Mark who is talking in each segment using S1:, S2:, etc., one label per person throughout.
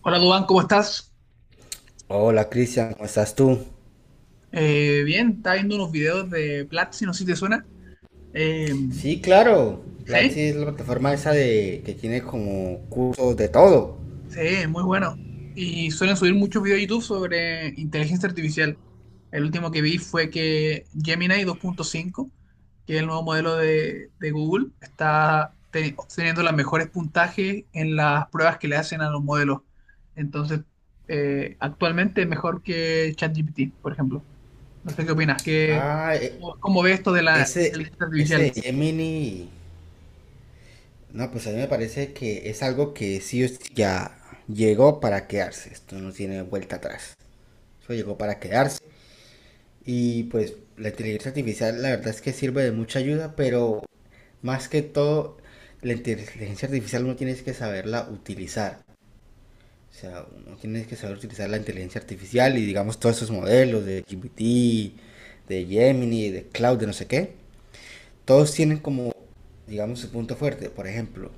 S1: Hola Dubán, ¿cómo estás?
S2: Hola Cristian, ¿cómo estás tú?
S1: Bien, estaba viendo unos videos de Platzi, no sé si te suena. Eh,
S2: Sí, claro. Platzi
S1: sí,
S2: es la plataforma esa de que tiene como cursos de todo.
S1: sí, muy bueno. Y suelen subir muchos videos de YouTube sobre inteligencia artificial. El último que vi fue que Gemini 2.5, que es el nuevo modelo de Google, está obteniendo los mejores puntajes en las pruebas que le hacen a los modelos. Entonces, actualmente es mejor que ChatGPT, por ejemplo. No sé qué opinas. ¿qué,
S2: Ah,
S1: cómo, cómo ves esto de la
S2: ese,
S1: inteligencia artificial?
S2: ese de Gemini. No, pues a mí me parece que es algo que sí o sí ya llegó para quedarse. Esto no tiene vuelta atrás. Eso llegó para quedarse. Y pues la inteligencia artificial la verdad es que sirve de mucha ayuda, pero más que todo, la inteligencia artificial uno tiene que saberla utilizar. O sea, uno tiene que saber utilizar la inteligencia artificial y digamos todos esos modelos de GPT, de Gemini, de Cloud, de no sé qué. Todos tienen como, digamos, su punto fuerte. Por ejemplo,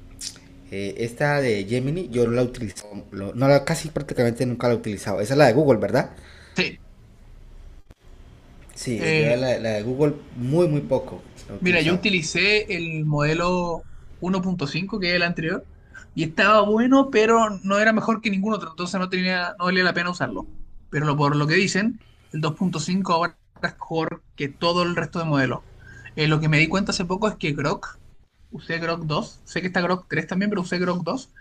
S2: esta de Gemini yo no la utilizo, no la, casi prácticamente nunca la he utilizado. Esa es la de Google, ¿verdad?
S1: Sí,
S2: Sí, yo
S1: eh,
S2: la de Google muy, muy poco la he
S1: mira, yo
S2: utilizado.
S1: utilicé el modelo 1.5, que es el anterior, y estaba bueno, pero no era mejor que ningún otro, entonces no tenía, no valía la pena usarlo. Pero por lo que dicen, el 2.5 ahora es mejor que todo el resto de modelos. Lo que me di cuenta hace poco es que Grok, usé Grok 2, sé que está Grok 3 también, pero usé Grok 2,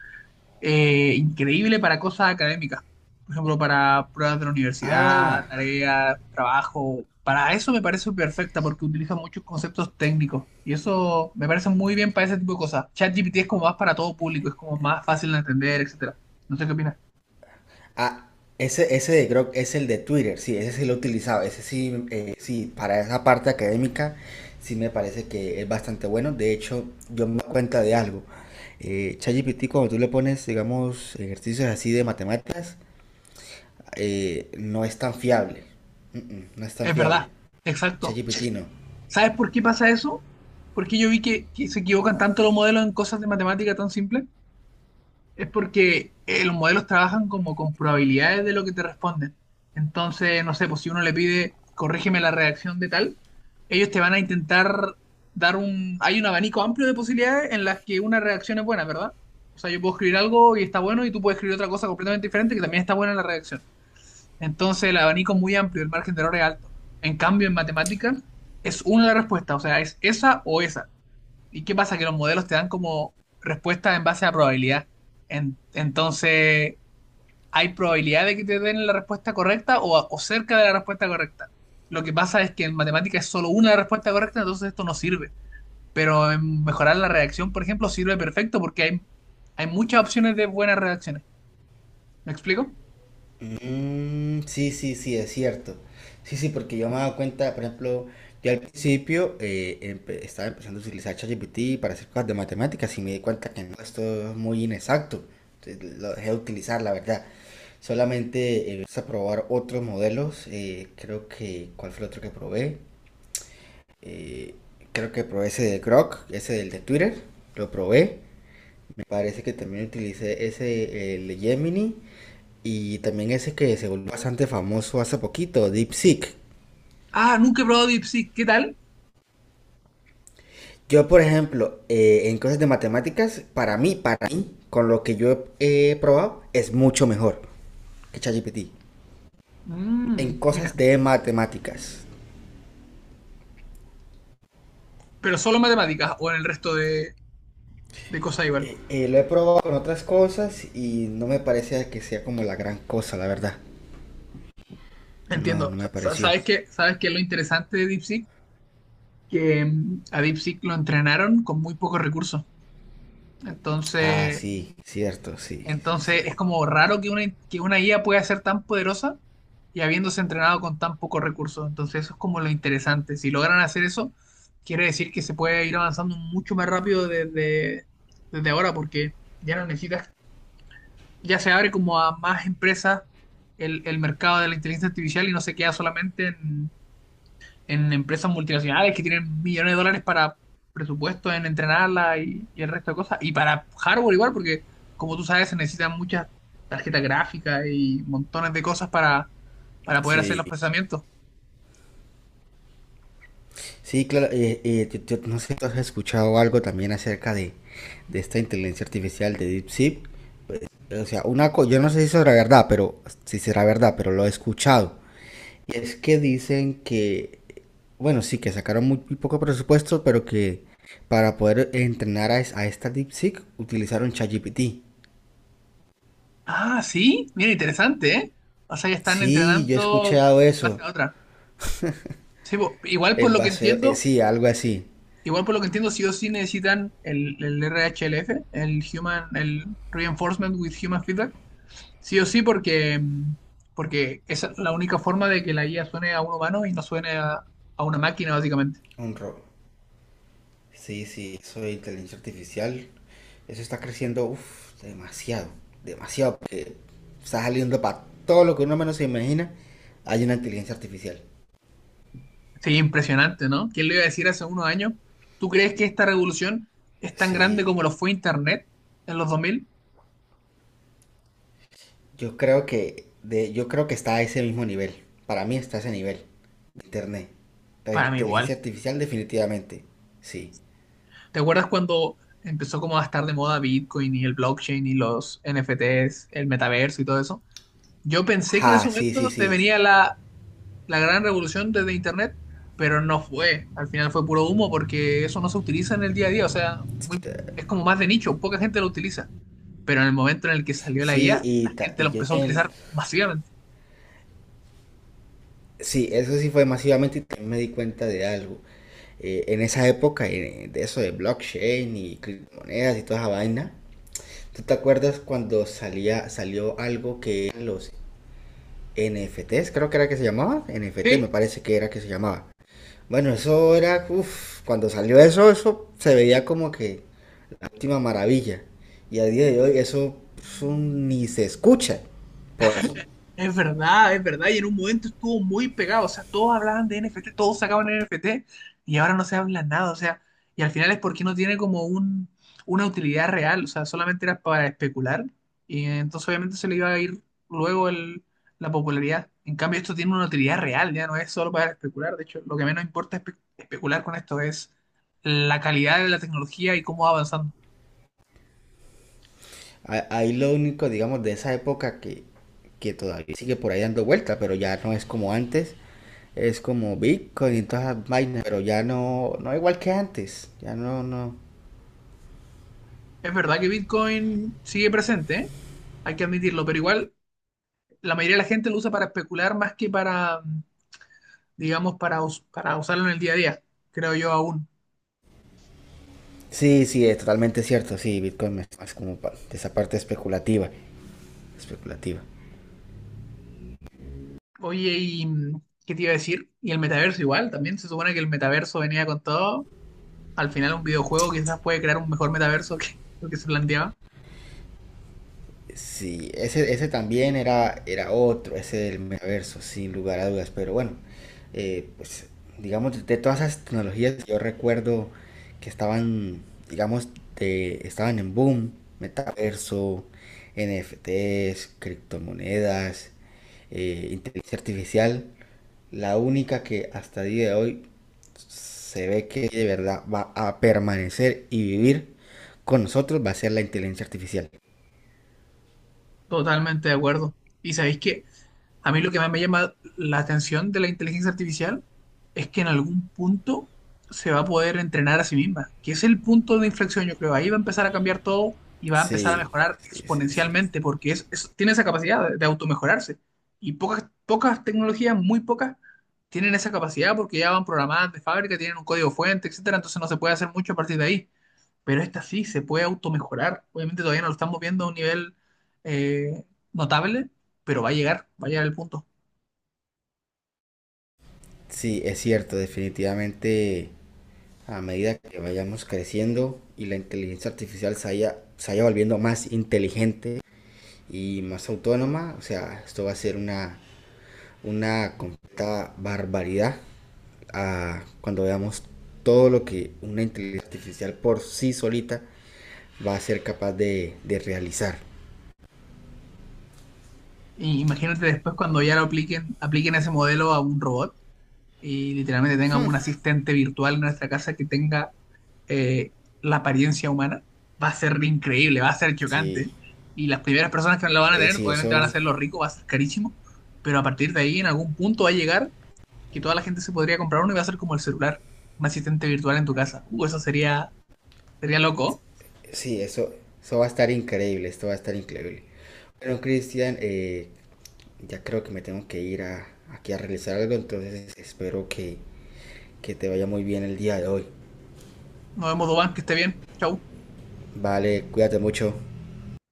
S1: increíble para cosas académicas. Por ejemplo, para pruebas de la
S2: Ah,
S1: universidad, tareas, trabajo. Para eso me parece perfecta porque utiliza muchos conceptos técnicos. Y eso me parece muy bien para ese tipo de cosas. ChatGPT es como más para todo público, es como más fácil de entender, etcétera. No sé qué opinas.
S2: Ah, ese de Grok es el de Twitter, sí, ese sí lo he utilizado, ese sí, sí, para esa parte académica sí me parece que es bastante bueno. De hecho, yo me doy cuenta de algo. ChatGPT, cuando tú le pones, digamos, ejercicios así de matemáticas, no es tan fiable. No es tan
S1: Es
S2: fiable.
S1: verdad, exacto.
S2: ChatGPT no.
S1: ¿Sabes por qué pasa eso? Porque yo vi que se equivocan tanto los modelos en cosas de matemática tan simples. Es porque los modelos trabajan como con probabilidades de lo que te responden. Entonces, no sé, pues si uno le pide, corrígeme la redacción de tal, ellos te van a intentar Hay un abanico amplio de posibilidades en las que una redacción es buena, ¿verdad? O sea, yo puedo escribir algo y está bueno y tú puedes escribir otra cosa completamente diferente que también está buena en la redacción. Entonces, el abanico es muy amplio, el margen de error es alto. En cambio, en matemáticas es una la respuesta, o sea, es esa o esa. ¿Y qué pasa? Que los modelos te dan como respuestas en base a probabilidad. Entonces, hay probabilidad de que te den la respuesta correcta o, o cerca de la respuesta correcta. Lo que pasa es que en matemática es solo una respuesta correcta, entonces esto no sirve. Pero en mejorar la redacción, por ejemplo, sirve perfecto porque hay muchas opciones de buenas redacciones. ¿Me explico?
S2: Mm, sí, sí, sí, es cierto. Sí, sí, porque yo me he dado cuenta, por ejemplo, yo al principio estaba empezando a utilizar ChatGPT para hacer cosas de matemáticas y me di cuenta que no, esto es muy inexacto. Entonces, lo dejé de utilizar, la verdad. Solamente empecé a probar otros modelos. Creo que, ¿cuál fue el otro que probé? Eh, Creo que probé ese de Grok, ese del de Twitter. Lo probé. Me parece que también utilicé ese, el de Gemini. Y también ese que se volvió bastante famoso hace poquito, DeepSeek.
S1: Ah, nunca he probado DeepSeek. ¿Qué tal?
S2: Yo, por ejemplo, en cosas de matemáticas, para mí, con lo que yo he probado, es mucho mejor que ChatGPT. En
S1: Mm,
S2: cosas
S1: mira,
S2: de matemáticas.
S1: pero solo en matemáticas o en el resto de cosas igual.
S2: Lo he probado con otras cosas y no me parece que sea como la gran cosa, la verdad. No,
S1: Entiendo.
S2: no me pareció.
S1: ¿Sabes qué? ¿Sabes qué es lo interesante de DeepSeek? Que a Deep lo entrenaron con muy pocos recursos.
S2: Ah,
S1: Entonces,
S2: sí, cierto, sí, sí, sí.
S1: entonces, es como raro que una IA pueda ser tan poderosa y habiéndose entrenado con tan pocos recursos. Entonces, eso es como lo interesante. Si logran hacer eso, quiere decir que se puede ir avanzando mucho más rápido desde, desde ahora, porque ya no necesitas, ya se abre como a más empresas el mercado de la inteligencia artificial y no se queda solamente en empresas multinacionales que tienen millones de dólares para presupuesto en entrenarla y el resto de cosas. Y para hardware igual, porque como tú sabes, se necesitan muchas tarjetas gráficas y montones de cosas para poder hacer
S2: Sí,
S1: los procesamientos.
S2: sí, claro, yo no sé si has escuchado algo también acerca de esta inteligencia artificial de DeepSeek. O sea, una yo no sé si será verdad, pero si será verdad, pero lo he escuchado. Y es que dicen que, bueno, sí, que sacaron muy, muy poco presupuesto, pero que para poder entrenar a esta DeepSeek utilizaron ChatGPT.
S1: Ah, sí, mira, interesante, ¿eh? O sea, ya están
S2: Sí, yo he
S1: entrenando
S2: escuchado
S1: base
S2: eso.
S1: a otra. Sí, igual por
S2: En
S1: lo que
S2: base,
S1: entiendo,
S2: sí, algo así.
S1: sí o sí necesitan el RHLF, el Human, el Reinforcement with Human Feedback. Sí o sí, porque esa es la única forma de que la IA suene a un humano y no suene a una máquina, básicamente.
S2: Un robo. Sí, sí, eso de inteligencia artificial. Eso está creciendo, uf, demasiado, demasiado, porque está saliendo para todo lo que uno menos se imagina, hay una inteligencia artificial.
S1: Sí, impresionante, ¿no? ¿Quién le iba a decir hace unos años? ¿Tú crees que esta revolución es tan grande
S2: Sí,
S1: como lo fue Internet en los 2000?
S2: yo creo que está a ese mismo nivel. Para mí está a ese nivel de internet. La
S1: Para mí igual.
S2: inteligencia artificial definitivamente. Sí.
S1: ¿Te acuerdas cuando empezó como a estar de moda Bitcoin y el blockchain y los NFTs, el metaverso y todo eso? Yo pensé que en ese
S2: Ajá, sí, sí,
S1: momento se
S2: sí.
S1: venía la gran revolución desde Internet, pero no fue. Al final fue puro humo porque eso no se utiliza en el día a día. O sea, es como más de nicho, poca gente lo utiliza. Pero en el momento en el que salió la IA,
S2: Sí, y,
S1: la
S2: ta-
S1: gente
S2: y
S1: lo
S2: yo
S1: empezó a utilizar
S2: también.
S1: masivamente.
S2: Sí, eso sí fue masivamente y también me di cuenta de algo. En esa época, de eso de blockchain y criptomonedas y toda esa vaina, ¿tú te acuerdas cuando salió algo que eran los NFTs? Creo que era que se llamaba. NFT me
S1: Sí.
S2: parece que era que se llamaba. Bueno, eso era, uff, cuando salió eso, eso se veía como que la última maravilla. Y a día de hoy eso ni se escucha por ahí.
S1: Es verdad, es verdad. Y en un momento estuvo muy pegado. O sea, todos hablaban de NFT, todos sacaban NFT y ahora no se habla nada. O sea, y al final es porque no tiene como una utilidad real. O sea, solamente era para especular. Y entonces obviamente se le iba a ir luego la popularidad. En cambio, esto tiene una utilidad real, ya no es solo para especular. De hecho, lo que menos importa especular con esto es la calidad de la tecnología y cómo va avanzando.
S2: Ah, ahí lo único, digamos, de esa época que todavía sigue por ahí dando vuelta, pero ya no es como antes. Es como Bitcoin y todas las vainas, pero ya no, no igual que antes. Ya no, no.
S1: Es verdad que Bitcoin sigue presente, ¿eh? Hay que admitirlo, pero igual la mayoría de la gente lo usa para especular más que para, digamos, para usarlo en el día a día, creo yo aún.
S2: Sí, sí, es totalmente cierto. Sí, Bitcoin es más como de esa parte especulativa. Especulativa.
S1: Oye, ¿y qué te iba a decir? Y el metaverso igual, también se supone que el metaverso venía con todo. Al final un videojuego quizás puede crear un mejor metaverso que lo que se planteaba.
S2: Sí, ese también era otro, ese del metaverso, sin lugar a dudas. Pero bueno, pues digamos, de todas esas tecnologías que yo recuerdo que estaban, digamos, estaban en boom, metaverso, NFTs, criptomonedas, inteligencia artificial, la única que hasta el día de hoy se ve que de verdad va a permanecer y vivir con nosotros va a ser la inteligencia artificial.
S1: Totalmente de acuerdo. Y sabéis que a mí lo que más me llama la atención de la inteligencia artificial es que en algún punto se va a poder entrenar a sí misma, que es el punto de inflexión, yo creo. Ahí va a empezar a cambiar todo y va a empezar a
S2: Sí,
S1: mejorar
S2: sí, sí, sí.
S1: exponencialmente porque tiene esa capacidad de automejorarse. Y pocas, pocas tecnologías, muy pocas, tienen esa capacidad porque ya van programadas de fábrica, tienen un código fuente, etcétera. Entonces no se puede hacer mucho a partir de ahí, pero esta sí se puede automejorar. Obviamente todavía no lo estamos viendo a un nivel eh, notable, pero va a llegar el punto.
S2: Sí, es cierto, definitivamente a medida que vayamos creciendo y la inteligencia artificial se vaya volviendo más inteligente y más autónoma, o sea, esto va a ser una completa barbaridad, cuando veamos todo lo que una inteligencia artificial por sí solita va a ser capaz de realizar.
S1: Y imagínate después cuando ya lo apliquen ese modelo a un robot y literalmente tengamos un asistente virtual en nuestra casa que tenga eh, la apariencia humana. Va a ser increíble, va a ser
S2: Sí,
S1: chocante. Y las primeras personas que lo van a tener,
S2: sí,
S1: obviamente van a
S2: eso.
S1: ser los ricos, va a ser carísimo, pero a partir de ahí en algún punto va a llegar que toda la gente se podría comprar uno y va a ser como el celular, un asistente virtual en tu casa. Eso sería, sería loco.
S2: Sí, eso va a estar increíble, esto va a estar increíble. Bueno, Cristian, ya creo que me tengo que ir aquí a realizar algo, entonces espero que te vaya muy bien el día de hoy.
S1: Nos vemos, Doban, que esté bien. Chau.
S2: Vale, cuídate mucho.